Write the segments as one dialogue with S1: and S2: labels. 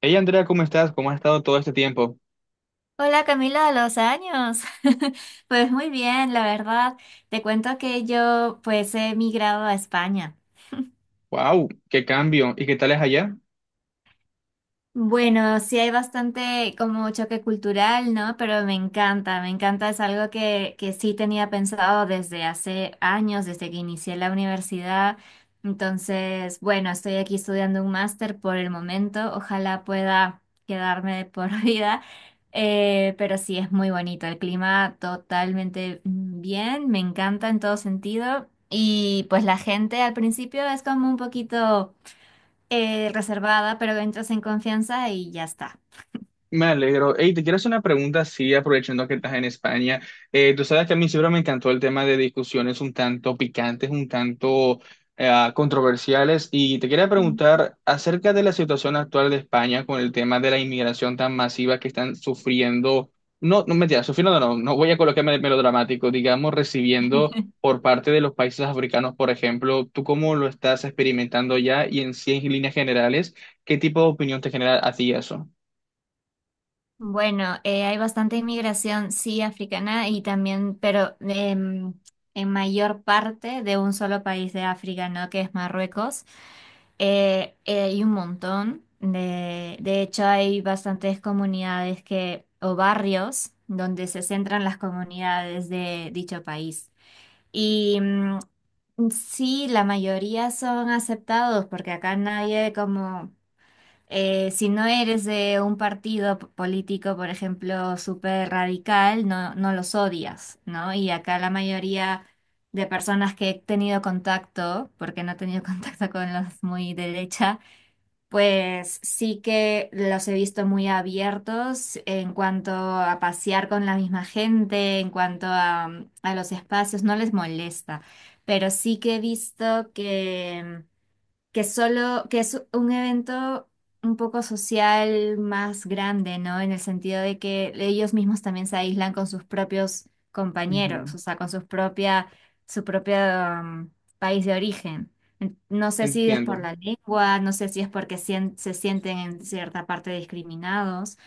S1: Hey Andrea, ¿cómo estás? ¿Cómo has estado todo este tiempo?
S2: Hola Camila, a los años. Pues muy bien, la verdad. Te cuento que yo pues he migrado a España.
S1: ¡Wow! ¡Qué cambio! ¿Y qué tal es allá?
S2: Bueno, sí hay bastante como choque cultural, ¿no? Pero me encanta, es algo que sí tenía pensado desde hace años, desde que inicié la universidad. Entonces, bueno, estoy aquí estudiando un máster por el momento, ojalá pueda quedarme de por vida. Pero sí es muy bonito, el clima totalmente bien, me encanta en todo sentido. Y pues la gente al principio es como un poquito reservada, pero entras en confianza y ya está.
S1: Me alegro. Hey, te quiero hacer una pregunta, sí, aprovechando que estás en España. Tú sabes que a mí siempre me encantó el tema de discusiones un tanto picantes, un tanto controversiales, y te quería
S2: Mm.
S1: preguntar acerca de la situación actual de España con el tema de la inmigración tan masiva que están sufriendo, no, no mentira, sufriendo no, no voy a colocarme melodramático, digamos, recibiendo por parte de los países africanos, por ejemplo, ¿tú cómo lo estás experimentando ya y en cien líneas generales, qué tipo de opinión te genera a ti eso?
S2: Bueno, hay bastante inmigración, sí, africana y también, pero en mayor parte de un solo país de África, ¿no? Que es Marruecos. Hay un montón. De hecho, hay bastantes comunidades o barrios donde se centran las comunidades de dicho país. Y sí, la mayoría son aceptados porque acá nadie como. Si no eres de un partido político, por ejemplo, súper radical, no, no los odias, ¿no? Y acá la mayoría de personas que he tenido contacto, porque no he tenido contacto con los muy derecha, pues sí que los he visto muy abiertos en cuanto a pasear con la misma gente, en cuanto a los espacios, no les molesta, pero sí que he visto que solo, que es un evento un poco social más grande, ¿no? En el sentido de que ellos mismos también se aíslan con sus propios compañeros, o sea, con su propio um, país de origen. No sé si es por
S1: Entiendo.
S2: la lengua, no sé si es porque se sienten en cierta parte discriminados,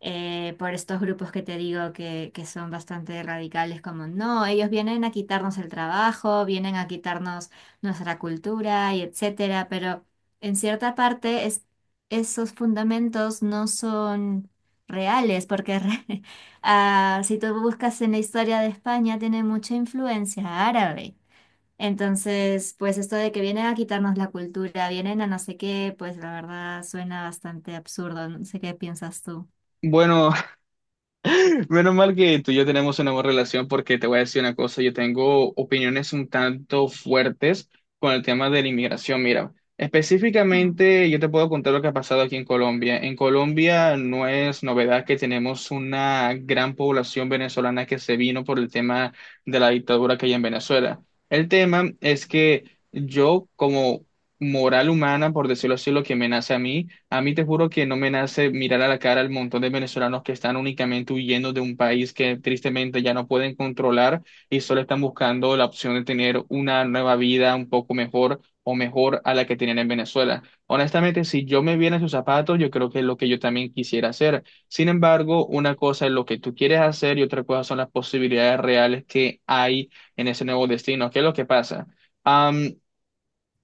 S2: por estos grupos que te digo que son bastante radicales, como no, ellos vienen a quitarnos el trabajo, vienen a quitarnos nuestra cultura y etcétera, pero en cierta parte esos fundamentos no son reales, porque ah, si tú buscas en la historia de España, tiene mucha influencia árabe. Entonces, pues esto de que vienen a quitarnos la cultura, vienen a no sé qué, pues la verdad suena bastante absurdo. No sé qué piensas tú.
S1: Bueno, menos mal que tú y yo tenemos una buena relación porque te voy a decir una cosa, yo tengo opiniones un tanto fuertes con el tema de la inmigración. Mira, específicamente yo te puedo contar lo que ha pasado aquí en Colombia. En Colombia no es novedad que tenemos una gran población venezolana que se vino por el tema de la dictadura que hay en Venezuela. El tema es que yo como moral humana, por decirlo así, lo que me nace a mí. A mí te juro que no me nace mirar a la cara al montón de venezolanos que están únicamente huyendo de un país que tristemente ya no pueden controlar y solo están buscando la opción de tener una nueva vida un poco mejor o mejor a la que tenían en Venezuela. Honestamente, si yo me viera en sus zapatos, yo creo que es lo que yo también quisiera hacer. Sin embargo, una cosa es lo que tú quieres hacer y otra cosa son las posibilidades reales que hay en ese nuevo destino. ¿Qué es lo que pasa?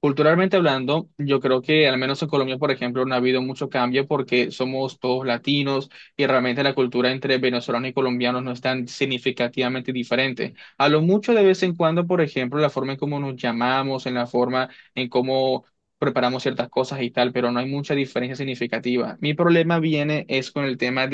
S1: Culturalmente hablando, yo creo que al menos en Colombia, por ejemplo, no ha habido mucho cambio porque somos todos latinos y realmente la cultura entre venezolanos y colombianos no es tan significativamente diferente. A lo mucho de vez en cuando, por ejemplo, la forma en cómo nos llamamos, en la forma en cómo preparamos ciertas cosas y tal, pero no hay mucha diferencia significativa. Mi problema viene es con el tema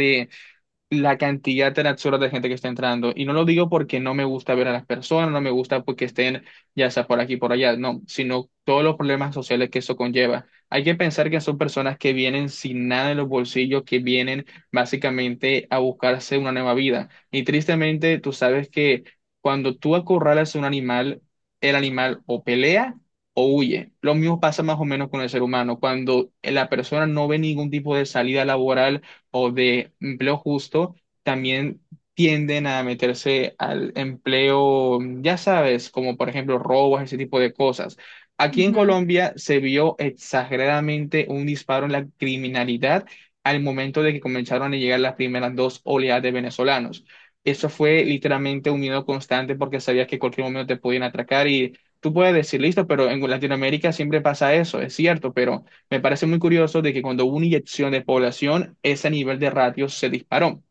S1: la cantidad tan absurda de gente que está entrando. Y no lo digo porque no me gusta ver a las personas, no me gusta porque estén ya sea por aquí, por allá, no, sino todos los problemas sociales que eso conlleva. Hay que pensar que son personas que vienen sin nada en los bolsillos, que vienen básicamente a buscarse una nueva vida. Y tristemente, tú sabes que cuando tú acorralas a un animal, el animal o pelea o huye. Lo mismo pasa más o menos con el ser humano. Cuando la persona no ve ningún tipo de salida laboral, o de empleo justo también tienden a meterse al empleo, ya sabes, como por ejemplo robos, ese tipo de cosas. Aquí en
S2: Ujú.
S1: Colombia se vio exageradamente un disparo en la criminalidad al momento de que comenzaron a llegar las primeras dos oleadas de venezolanos. Eso fue literalmente un miedo constante porque sabías que en cualquier momento te podían atracar y tú puedes decir, listo, pero en Latinoamérica siempre pasa eso, es cierto, pero me parece muy curioso de que cuando hubo una inyección de población, ese nivel de ratio se disparó.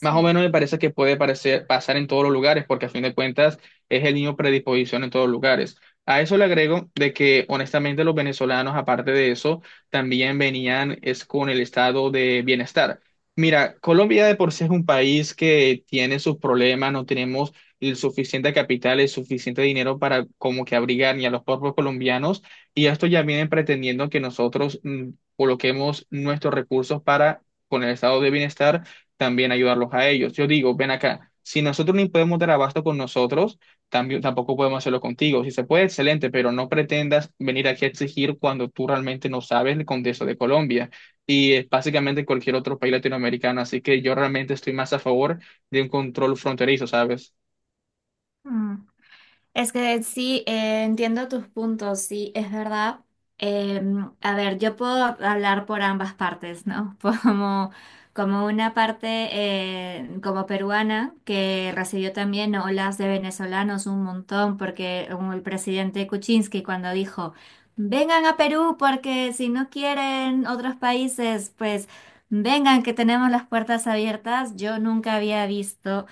S1: Más o
S2: Sí.
S1: menos me parece que puede parecer, pasar en todos los lugares, porque a fin de cuentas es el niño predisposición en todos los lugares. A eso le agrego de que honestamente los venezolanos, aparte de eso, también venían es con el estado de bienestar. Mira, Colombia de por sí es un país que tiene sus problemas, no tenemos el suficiente capital, el suficiente dinero para como que abrigar ni a los propios colombianos, y esto ya vienen pretendiendo que nosotros coloquemos nuestros recursos para con el estado de bienestar también ayudarlos a ellos. Yo digo, ven acá, si nosotros no podemos dar abasto con nosotros, también, tampoco podemos hacerlo contigo. Si se puede, excelente, pero no pretendas venir aquí a exigir cuando tú realmente no sabes el contexto de Colombia y básicamente cualquier otro país latinoamericano. Así que yo realmente estoy más a favor de un control fronterizo, ¿sabes?
S2: Mm. Es que sí, entiendo tus puntos, sí, es verdad. Eh, a ver, yo puedo hablar por ambas partes, ¿no? Como, como una parte como peruana que recibió también olas de venezolanos un montón, porque como el presidente Kuczynski cuando dijo, vengan a Perú porque si no quieren otros países, pues. Vengan, que tenemos las puertas abiertas. Yo nunca había visto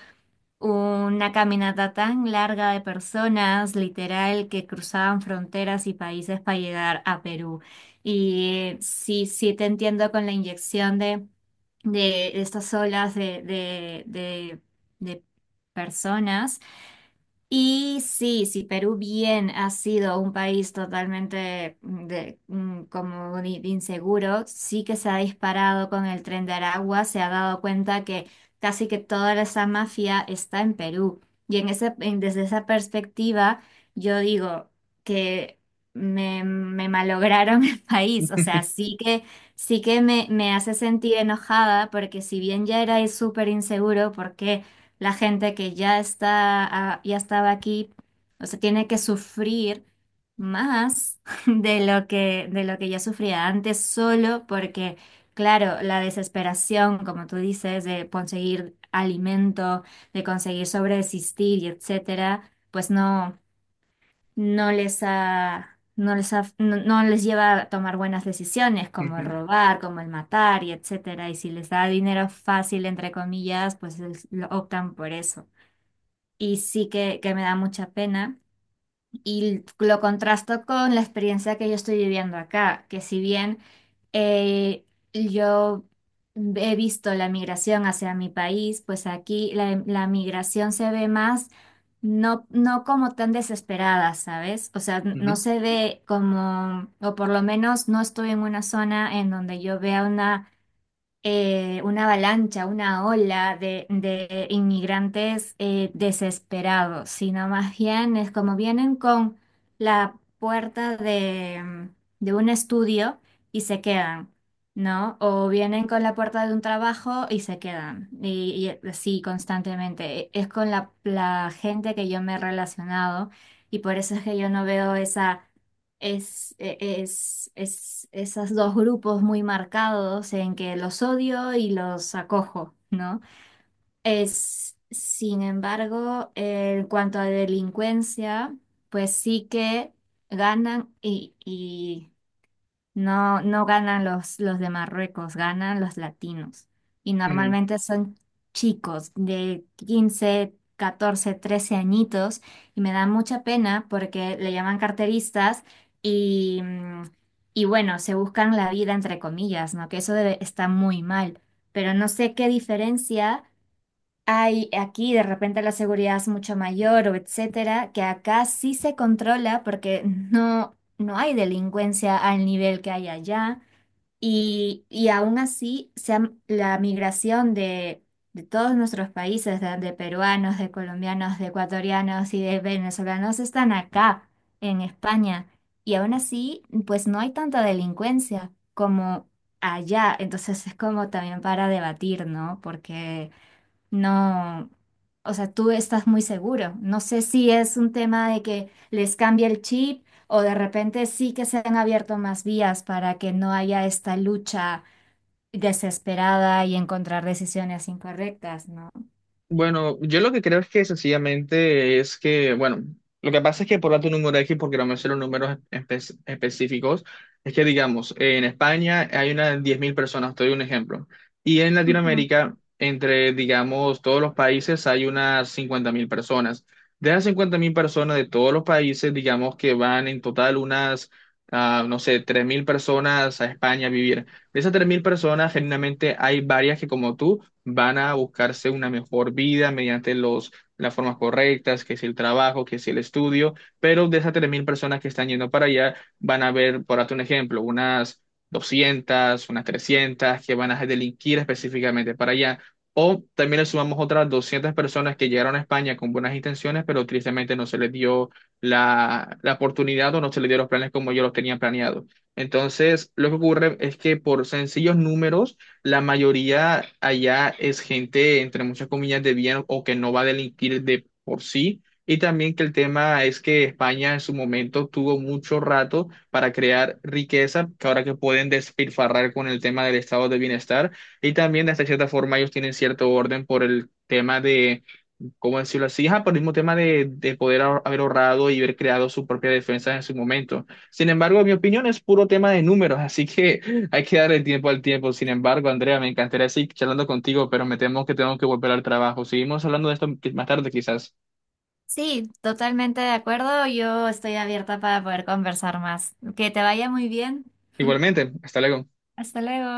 S2: una caminata tan larga de personas, literal, que cruzaban fronteras y países para llegar a Perú. Y sí, sí te entiendo con la inyección de estas olas de personas. Y sí, si Perú bien ha sido un país totalmente como de inseguro, sí que se ha disparado con el tren de Aragua, se ha dado cuenta que casi que toda esa mafia está en Perú. Y desde esa perspectiva, yo digo que me malograron el país. O sea, sí que me hace sentir enojada porque si bien ya era súper inseguro, ¿por qué? La gente que ya ya estaba aquí, o sea, tiene que sufrir más de lo que ya sufría antes, solo porque, claro, la desesperación, como tú dices, de conseguir alimento, de conseguir sobreexistir y etcétera, pues no, no les ha. No, no les lleva a tomar buenas decisiones como el
S1: Ujú,
S2: robar, como el matar y etcétera. Y si les da dinero fácil, entre comillas, pues lo optan por eso. Y sí que me da mucha pena. Y lo contrasto con la experiencia que yo estoy viviendo acá, que si bien eh, yo he visto la migración hacia mi país, pues aquí la migración se ve más, no, no como tan desesperada, ¿sabes? O sea, no
S1: ujú.
S2: se ve como, o por lo menos no estoy en una zona en donde yo vea una avalancha, una ola de inmigrantes desesperados, sino más bien es como vienen con la puerta de un estudio y se quedan, ¿no? O vienen con la puerta de un trabajo y se quedan, y así constantemente. Es con la gente que yo me he relacionado, y por eso es que yo no veo esa es, e- es, es esos dos grupos muy marcados en que los odio y los acojo, ¿no? Sin embargo, en cuanto a delincuencia, pues sí que ganan, y no, no ganan los de Marruecos, ganan los latinos. Y
S1: Mm,
S2: normalmente son chicos de 15 14 13 añitos. Y me da mucha pena porque le llaman carteristas y, mm, y bueno, se buscan la vida entre comillas, ¿no? Que eso está muy mal. Pero no sé qué diferencia hay. Aquí de repente la seguridad es mucho mayor o etcétera, que acá sí se controla porque no, no hay delincuencia al nivel que hay allá. Y aún así, la migración de todos nuestros países, de peruanos, de colombianos, de ecuatorianos y de venezolanos, están acá, en España. Y aún así, pues no hay tanta delincuencia como allá. Entonces es como también para debatir, ¿no? Porque. No, o sea, tú estás muy seguro. No sé si es un tema de que les cambie el chip o de repente sí que se han abierto más vías para que no haya esta lucha desesperada y encontrar decisiones incorrectas, ¿no?
S1: Bueno, yo lo que creo es que sencillamente es que, bueno, lo que pasa es que por dato número X, porque no me sé los números específicos, es que digamos, en España hay unas 10.000 personas, te doy un ejemplo, y en
S2: Ujú.
S1: Latinoamérica, entre, digamos, todos los países hay unas 50.000 personas. De esas 50.000 personas de todos los países, digamos que van en total unas, no sé, 3.000 personas a España a vivir. De esas 3.000 personas, generalmente hay varias que como tú, van a buscarse una mejor vida mediante las formas correctas, que es el trabajo, que es el estudio, pero de esas 3.000 personas que están yendo para allá, van a ver, por darte un ejemplo, unas 200 unas 300 que van a delinquir específicamente para allá. O también le sumamos otras 200 personas que llegaron a España con buenas intenciones, pero tristemente no se les dio la oportunidad o no se les dio los planes como ellos los tenían planeados. Entonces, lo que ocurre es que por sencillos números, la mayoría allá es gente, entre muchas comillas, de bien o que no va a delinquir de por sí. Y también que el tema es que España en su momento tuvo mucho rato para crear riqueza, que ahora que pueden despilfarrar con el tema del estado de bienestar. Y también, de esta cierta forma, ellos tienen cierto orden por el tema de como decirlo así, ajá, por el mismo tema de, poder haber ahorrado y haber creado su propia defensa en su momento. Sin embargo, mi opinión es puro tema de números, así que hay que darle tiempo al tiempo. Sin embargo, Andrea, me encantaría seguir charlando contigo, pero me temo que tengo que volver al trabajo. Seguimos hablando de esto más tarde, quizás.
S2: Sí, totalmente de acuerdo. Yo estoy abierta para poder conversar más. Que te vaya muy bien.
S1: Igualmente, hasta luego.
S2: Hasta luego.